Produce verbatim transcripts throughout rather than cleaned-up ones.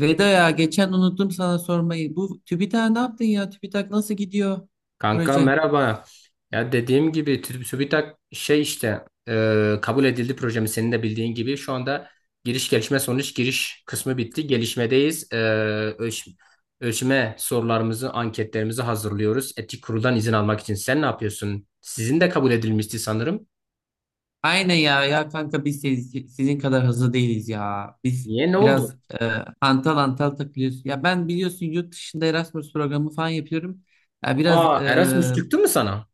Veda ya, geçen unuttum sana sormayı. Bu TÜBİTAK ne yaptın ya? TÜBİTAK nasıl gidiyor Kanka proje? merhaba. Ya dediğim gibi Tü- TÜBİTAK şey işte e, kabul edildi projemiz senin de bildiğin gibi. Şu anda giriş gelişme sonuç giriş kısmı bitti. Gelişmedeyiz. E, ölç- Ölçme sorularımızı anketlerimizi hazırlıyoruz. Etik kuruldan izin almak için. Sen ne yapıyorsun? Sizin de kabul edilmişti sanırım. Aynen ya, ya kanka biz siz- sizin kadar hızlı değiliz ya. Biz Niye ne oldu? biraz e, antal antal takılıyoruz. Ya ben biliyorsun, yurt dışında Erasmus programı falan yapıyorum. Ya biraz Aa, Erasmus e, çıktı mı sana?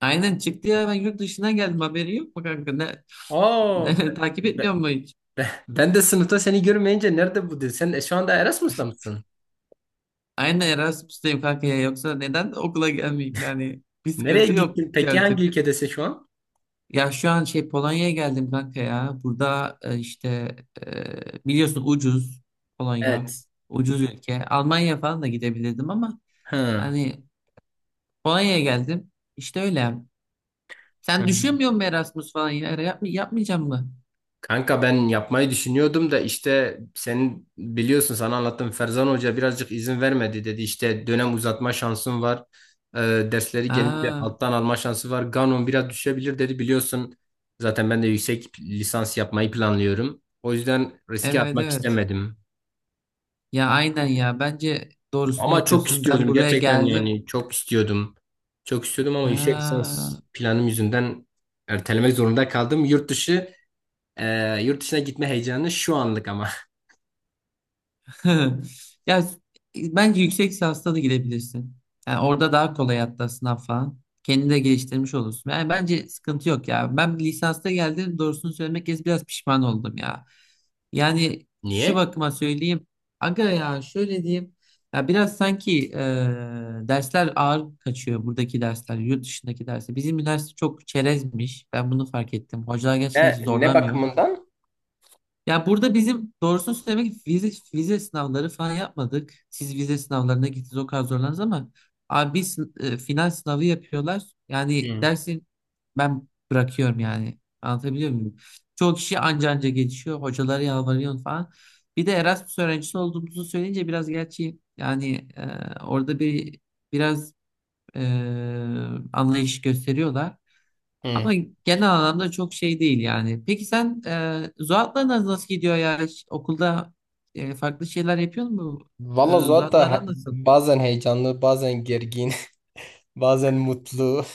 aynen çıktı ya, ben yurt dışına geldim, haberi yok mu kanka? Ne, Aa ne- be- takip etmiyor be- mu hiç? Ben de sınıfta seni görmeyince nerede bu, dedi. Sen e, şu anda Erasmus'ta mısın? Aynen Erasmus'tayım kanka ya, yoksa neden okula gelmeyeyim yani? Bir Nereye sıkıntı yok. gittin? Peki hangi ülkedesin şu an? Ya şu an şey, Polonya'ya geldim kanka ya. Burada e, işte e, biliyorsun, ucuz Polonya. Evet. Ucuz ülke. Almanya falan da gidebilirdim ama Hı. hani Polonya'ya geldim. İşte öyle. Hı. Sen düşünmüyor musun Erasmus falan ya? Yapma, yapmayacağım mı? Kanka, ben yapmayı düşünüyordum da işte senin biliyorsun, sana anlattım, Ferzan Hoca birazcık izin vermedi, dedi işte dönem uzatma şansın var. Ee, Dersleri genelde Aa, alttan alma şansı var, Ganon biraz düşebilir dedi, biliyorsun zaten ben de yüksek lisans yapmayı planlıyorum, o yüzden riske evet atmak evet. istemedim, Ya aynen ya. Bence doğrusunu ama çok yapıyorsun. Ben istiyordum buraya gerçekten, geldim. yani çok istiyordum, çok istiyordum, ama yüksek Ha. lisans planım yüzünden ertelemek zorunda kaldım yurt dışı. Ee, yurt dışına gitme heyecanı şu anlık ama. Ya bence yüksek lisansta da gidebilirsin. Yani orada daha kolay hatta sınav falan. Kendini de geliştirmiş olursun. Yani bence sıkıntı yok ya. Ben lisansta geldim, doğrusunu söylemek gerekirse biraz pişman oldum ya. Yani şu Niye? bakıma söyleyeyim. Aga ya, şöyle diyeyim. Ya biraz sanki e, dersler ağır kaçıyor, buradaki dersler, yurt dışındaki dersler. Bizim üniversite çok çerezmiş. Ben bunu fark ettim. Hocalar gerçekten hiç Ne, ne zorlamıyor. bakımından? Ya burada bizim doğrusunu söylemek vize, vize sınavları falan yapmadık. Siz vize sınavlarına gittiniz, o kadar zorlandınız ama abi biz e, final sınavı yapıyorlar. Yani Hı. dersin ben bırakıyorum yani. Anlatabiliyor muyum? Çoğu kişi anca anca geçiyor. Hocalara yalvarıyor falan. Bir de Erasmus öğrencisi olduğumuzu söyleyince biraz, gerçi yani, e, orada bir biraz e, anlayış gösteriyorlar. Hı. Ama genel anlamda çok şey değil yani. Peki sen, e, Zuhat'la nasıl gidiyor ya? Hiç okulda e, farklı şeyler yapıyor mu? E, Valla Zuhat Zuhat'la he- aran nasıl? bazen heyecanlı, bazen gergin, bazen mutlu.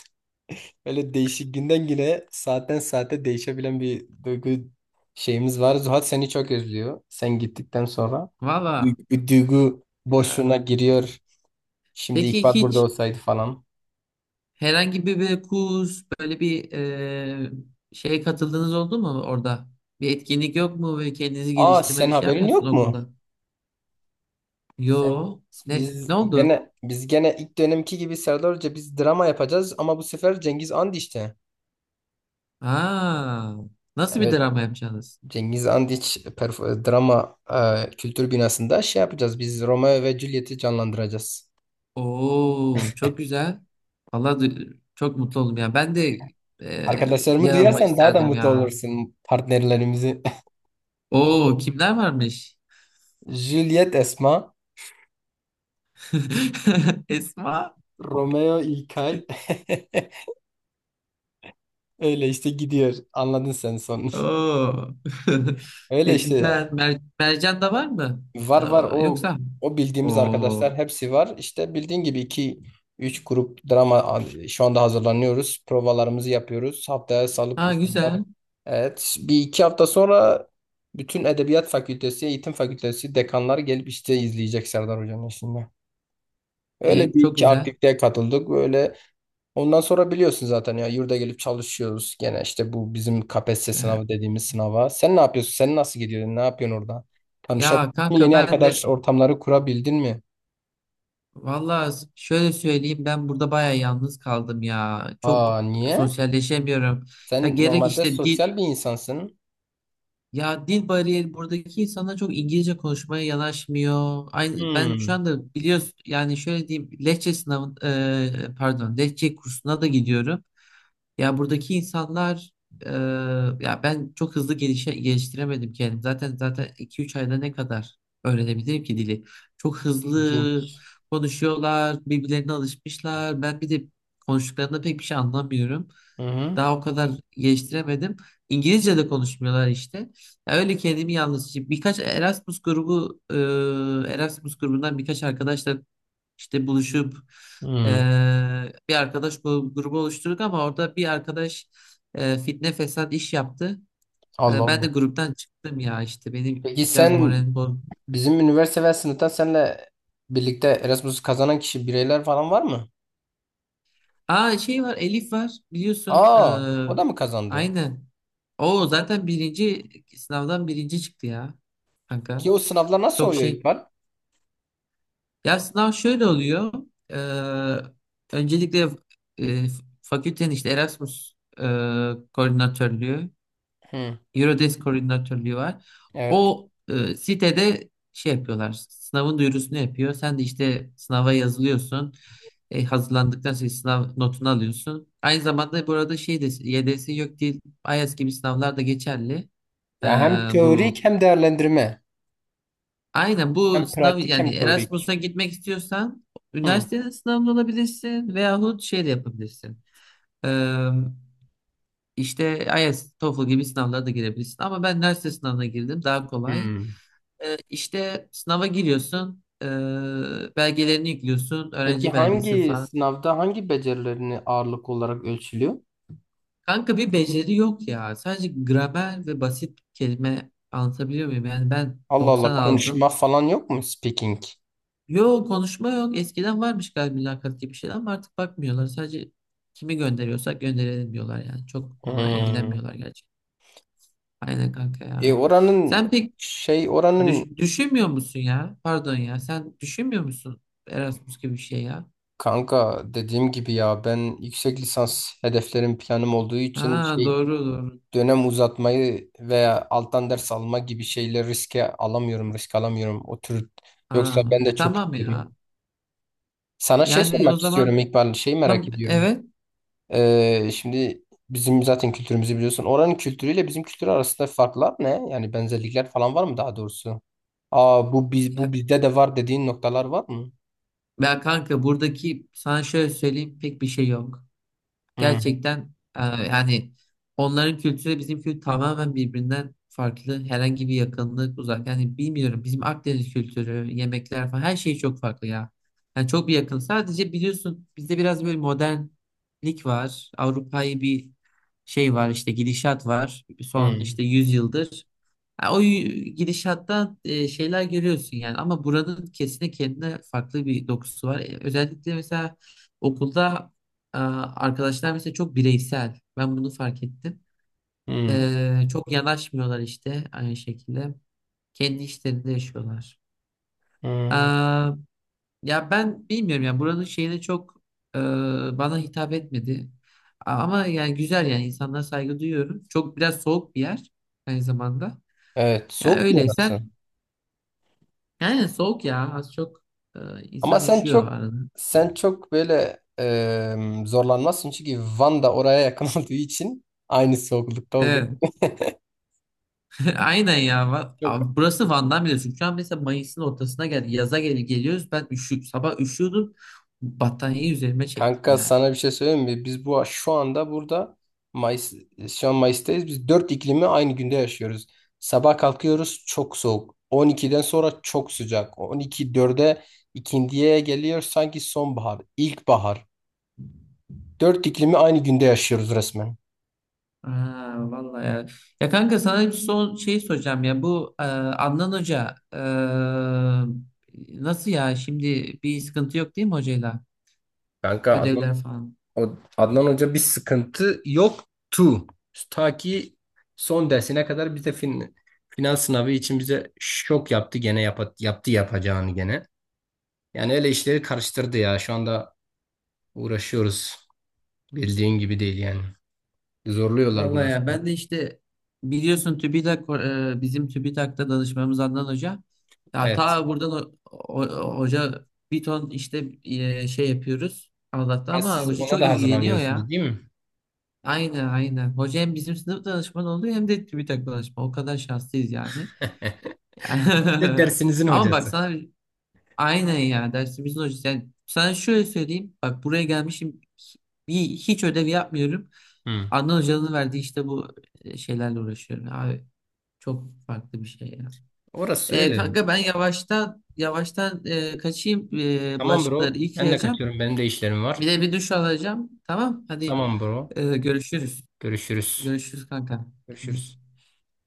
Öyle değişik, günden güne, saatten saate değişebilen bir duygu şeyimiz var. Zuhat seni çok özlüyor sen gittikten sonra. Valla. Duygu, duygu e, boşluğuna giriyor. Şimdi peki İkbal burada hiç olsaydı falan. herhangi bir, bir kurs, böyle bir e, şeye katıldığınız oldu mu orada? Bir etkinlik yok mu? Ve kendinizi Aa, geliştirme sen bir şey haberin yok yapmıyorsunuz mu? okulda? Se- Yo. Ne, Biz Ne oldu? gene biz gene ilk dönemki gibi Serdar Hoca, biz drama yapacağız, ama bu sefer Cengiz Andiç'te. Aa, nasıl bir Evet, drama yapacaksınız? Cengiz Andiç perf- drama e, kültür binasında şey yapacağız. Biz Romeo ve Juliet'i canlandıracağız. Oo, çok güzel. Vallahi du- çok mutlu oldum ya. Ben de e, Arkadaşlarımı yer almak duyarsan daha da isterdim mutlu ya. olursun, partnerlerimizi. Oo, kimler varmış? Juliet Esma, Esma. Romeo İlkay. Öyle işte gidiyor. Anladın sen sonunu. Oo. E, Öyle işte. Güzel. Mer- Mercan da var mı? Var var Ee, o Yoksa? o bildiğimiz Oo. arkadaşlar, hepsi var. İşte bildiğin gibi iki üç grup drama şu anda hazırlanıyoruz. Provalarımızı yapıyoruz. Haftaya salıp Ha, salıp- güzel. Evet, bir iki hafta sonra bütün Edebiyat Fakültesi, Eğitim Fakültesi dekanlar gelip işte izleyecek Serdar Hoca'nın işini. Öyle E, bir Çok iki güzel. aktiviteye katıldık böyle. Ondan sonra biliyorsun zaten ya, yurda gelip çalışıyoruz. Gene işte bu bizim K P S S E, sınavı dediğimiz sınava. Sen ne yapıyorsun? Sen nasıl gidiyorsun? Ne yapıyorsun orada? Tanışabildin Ya mi? kanka, Yeni ben arkadaş de ortamları kurabildin mi? vallahi şöyle söyleyeyim, ben burada bayağı yalnız kaldım ya. Çok Aa, niye? sosyalleşemiyorum. Ya Sen gerek normalde işte dil. sosyal bir insansın. Ya, dil bariyeri, buradaki insanlar çok İngilizce konuşmaya yanaşmıyor. Aynı ben şu Hmm. anda biliyorsun, yani şöyle diyeyim, Lehçe sınavı, e, pardon, Lehçe kursuna da gidiyorum. Ya buradaki insanlar, e, ya ben çok hızlı gelişe, geliştiremedim kendim. Zaten zaten iki üç ayda ne kadar öğrenebilirim ki dili? Çok hızlı İlginç. konuşuyorlar, birbirlerine alışmışlar. Ben bir de konuştuklarında pek bir şey anlamıyorum. Hı hı. Daha o kadar geliştiremedim. İngilizce de konuşmuyorlar işte. Ya öyle kendimi yalnız, işte birkaç Erasmus grubu, e, Erasmus grubundan birkaç arkadaşla işte buluşup e, Hmm. bir arkadaş gru- grubu oluşturduk ama orada bir arkadaş e, fitne fesat iş yaptı. Allah E, ben de Allah. gruptan çıktım ya, işte benim Peki biraz sen, moralim bozdu. bizim üniversite ve sınıftan seninle birlikte Erasmus kazanan kişi, bireyler falan var mı? Aa, şey var, Elif var biliyorsun. E, Aa, o da mı kazandı? Aynen. O zaten birinci, sınavdan birinci çıktı ya Ki kanka. o sınavlar nasıl Çok oluyor, şey. İkbal? Ya sınav şöyle oluyor. Ee, Öncelikle e, fakültenin işte Erasmus e, koordinatörlüğü, Hı. Eurodesk koordinatörlüğü var. Evet. O e, sitede şey yapıyorlar. Sınavın duyurusunu yapıyor. Sen de işte sınava yazılıyorsun. E, hazırlandıktan sonra sınav notunu alıyorsun. Aynı zamanda burada şey de, Y D S yok değil. IELTS gibi sınavlar da geçerli. Ee, Ya hem teorik bu hem değerlendirme. Aynen, bu Hem sınav pratik hem yani, teorik. Erasmus'a gitmek istiyorsan Hı. üniversitenin sınavında olabilirsin veyahut şey de yapabilirsin. Ee, işte IELTS, TOEFL gibi sınavlara da girebilirsin. Ama ben üniversite sınavına girdim, daha kolay. Hı. Ee, işte sınava giriyorsun, ee, belgelerini yüklüyorsun, Peki öğrenci belgesi hangi falan. sınavda hangi becerilerini ağırlık olarak ölçülüyor? Kanka bir beceri yok ya. Sadece gramer ve basit kelime, anlatabiliyor muyum? Yani ben Allah Allah, doksan aldım. konuşma falan yok mu? Speaking. Yok, konuşma yok. Eskiden varmış galiba, mülakat gibi şeyler, ama artık bakmıyorlar. Sadece kimi gönderiyorsak gönderelim diyorlar yani. Çok ona Hmm. ilgilenmiyorlar gerçekten. Aynen kanka E ya. oranın Sen pek şey oranın, düş- düşünmüyor musun ya? Pardon ya. Sen düşünmüyor musun Erasmus gibi bir şey ya? kanka dediğim gibi ya, ben yüksek lisans hedeflerim, planım olduğu için Ha, şey, doğru doğru. dönem uzatmayı veya alttan ders alma gibi şeyleri riske alamıyorum risk alamıyorum o tür, yoksa Ha, ben de çok tamam ya. istiyordum. Sana şey Yani o sormak zaman, istiyorum, İkbal. Şeyi merak tam ediyorum. evet. Ee, şimdi, bizim zaten kültürümüzü biliyorsun. Oranın kültürüyle bizim kültür arasında farklar ne? Yani benzerlikler falan var mı daha doğrusu? Aa, bu biz Ya, bu bizde de var dediğin noktalar var mı? Ya kanka, buradaki, sana şöyle söyleyeyim, pek bir şey yok. Hmm, Gerçekten, e, yani onların kültürü, bizim kültür tamamen birbirinden farklı. Herhangi bir yakınlık, uzak. Yani bilmiyorum, bizim Akdeniz kültürü, yemekler falan, her şey çok farklı ya. Yani çok bir yakın. Sadece biliyorsun bizde biraz böyle modernlik var. Avrupa'yı bir, şey var işte, gidişat var. Son hmm, işte yüz yıldır. Ha, o y- gidişattan e, şeyler görüyorsun yani, ama buranın kesinlikle kendine farklı bir dokusu var. E, özellikle mesela okulda ee, arkadaşlar mesela çok bireysel. Ben bunu fark ettim. hmm, Ee, çok yanaşmıyorlar işte aynı şekilde. Kendi işlerinde yaşıyorlar. hmm. Ee, Ya ben bilmiyorum ya, buranın şeyine çok, e, bana hitap etmedi. Ama yani güzel, yani insanlara saygı duyuyorum. Çok, biraz soğuk bir yer aynı zamanda. Evet, Ya soğuk mu orası? öyleysen yani, soğuk ya az çok, e, Ama insan sen üşüyor çok, arada. sen çok böyle e, zorlanmazsın, çünkü Van da oraya yakın olduğu için, aynı soğuklukta olduğu Evet. için Aynen ya. Va- çok. Abi, burası Van Damme biliyorsun. Şu an mesela Mayıs'ın ortasına geldi. Yaza gel geliyoruz. Ben üşü sabah üşüyordum. Battaniyeyi üzerime çektim Kanka, yani. sana bir şey söyleyeyim mi? Biz bu şu anda burada Mayıs, şu an Mayıs'tayız. Biz dört iklimi aynı günde yaşıyoruz. Sabah kalkıyoruz, çok soğuk. on ikiden sonra çok sıcak. on iki dörde, ikindiye geliyor, sanki sonbahar, ilkbahar. Dört iklimi aynı günde yaşıyoruz resmen. Aa, vallahi ya. Ya kanka, sana bir son şey soracağım ya. Bu e, Adnan Hoca e, nasıl ya? Şimdi bir sıkıntı yok değil mi hocayla? Kanka Adnan, Ödevler falan. o- Adnan Hoca bir sıkıntı yoktu. Ta ki son dersine kadar, bize fin, final sınavı için bize şok yaptı, gene yapa- yaptı yapacağını gene. Yani öyle işleri karıştırdı ya. Şu anda uğraşıyoruz. Bildiğin gibi değil yani. Zorluyorlar, Vallahi burası. ya, ben de işte biliyorsun TÜBİTAK, e, bizim TÜBİTAK'ta danışmamız Adnan Hoca. Ya Evet. ta buradan o, o- hoca bir ton işte e, şey yapıyoruz Allah'ta, Ya ama siz hoca ona çok da ilgileniyor hazırlanıyorsunuz ya. değil mi? Aynen aynen. Hoca hem bizim sınıf danışmanı oluyor hem de TÜBİTAK danışmanı. O kadar şanslıyız yani. Bir de dersinizin Ama bak hocası. sana, aynen ya, dersimizin hocası. Yani sana şöyle söyleyeyim. Bak, buraya gelmişim. Bir, hiç ödev yapmıyorum. Hı. Adnan Hoca'nın verdiği işte bu e, şeylerle uğraşıyorum. Abi, çok farklı bir şey ya. Orası E, öyle. kanka ben yavaştan yavaştan e, kaçayım. E, Tamam, bulaşıkları bro. Ben de yıkayacağım. kaçıyorum, benim de işlerim var. Bir de bir duş alacağım. Tamam. Hadi Tamam, bro. e, görüşürüz. Görüşürüz. Görüşürüz kanka. Görüşürüz.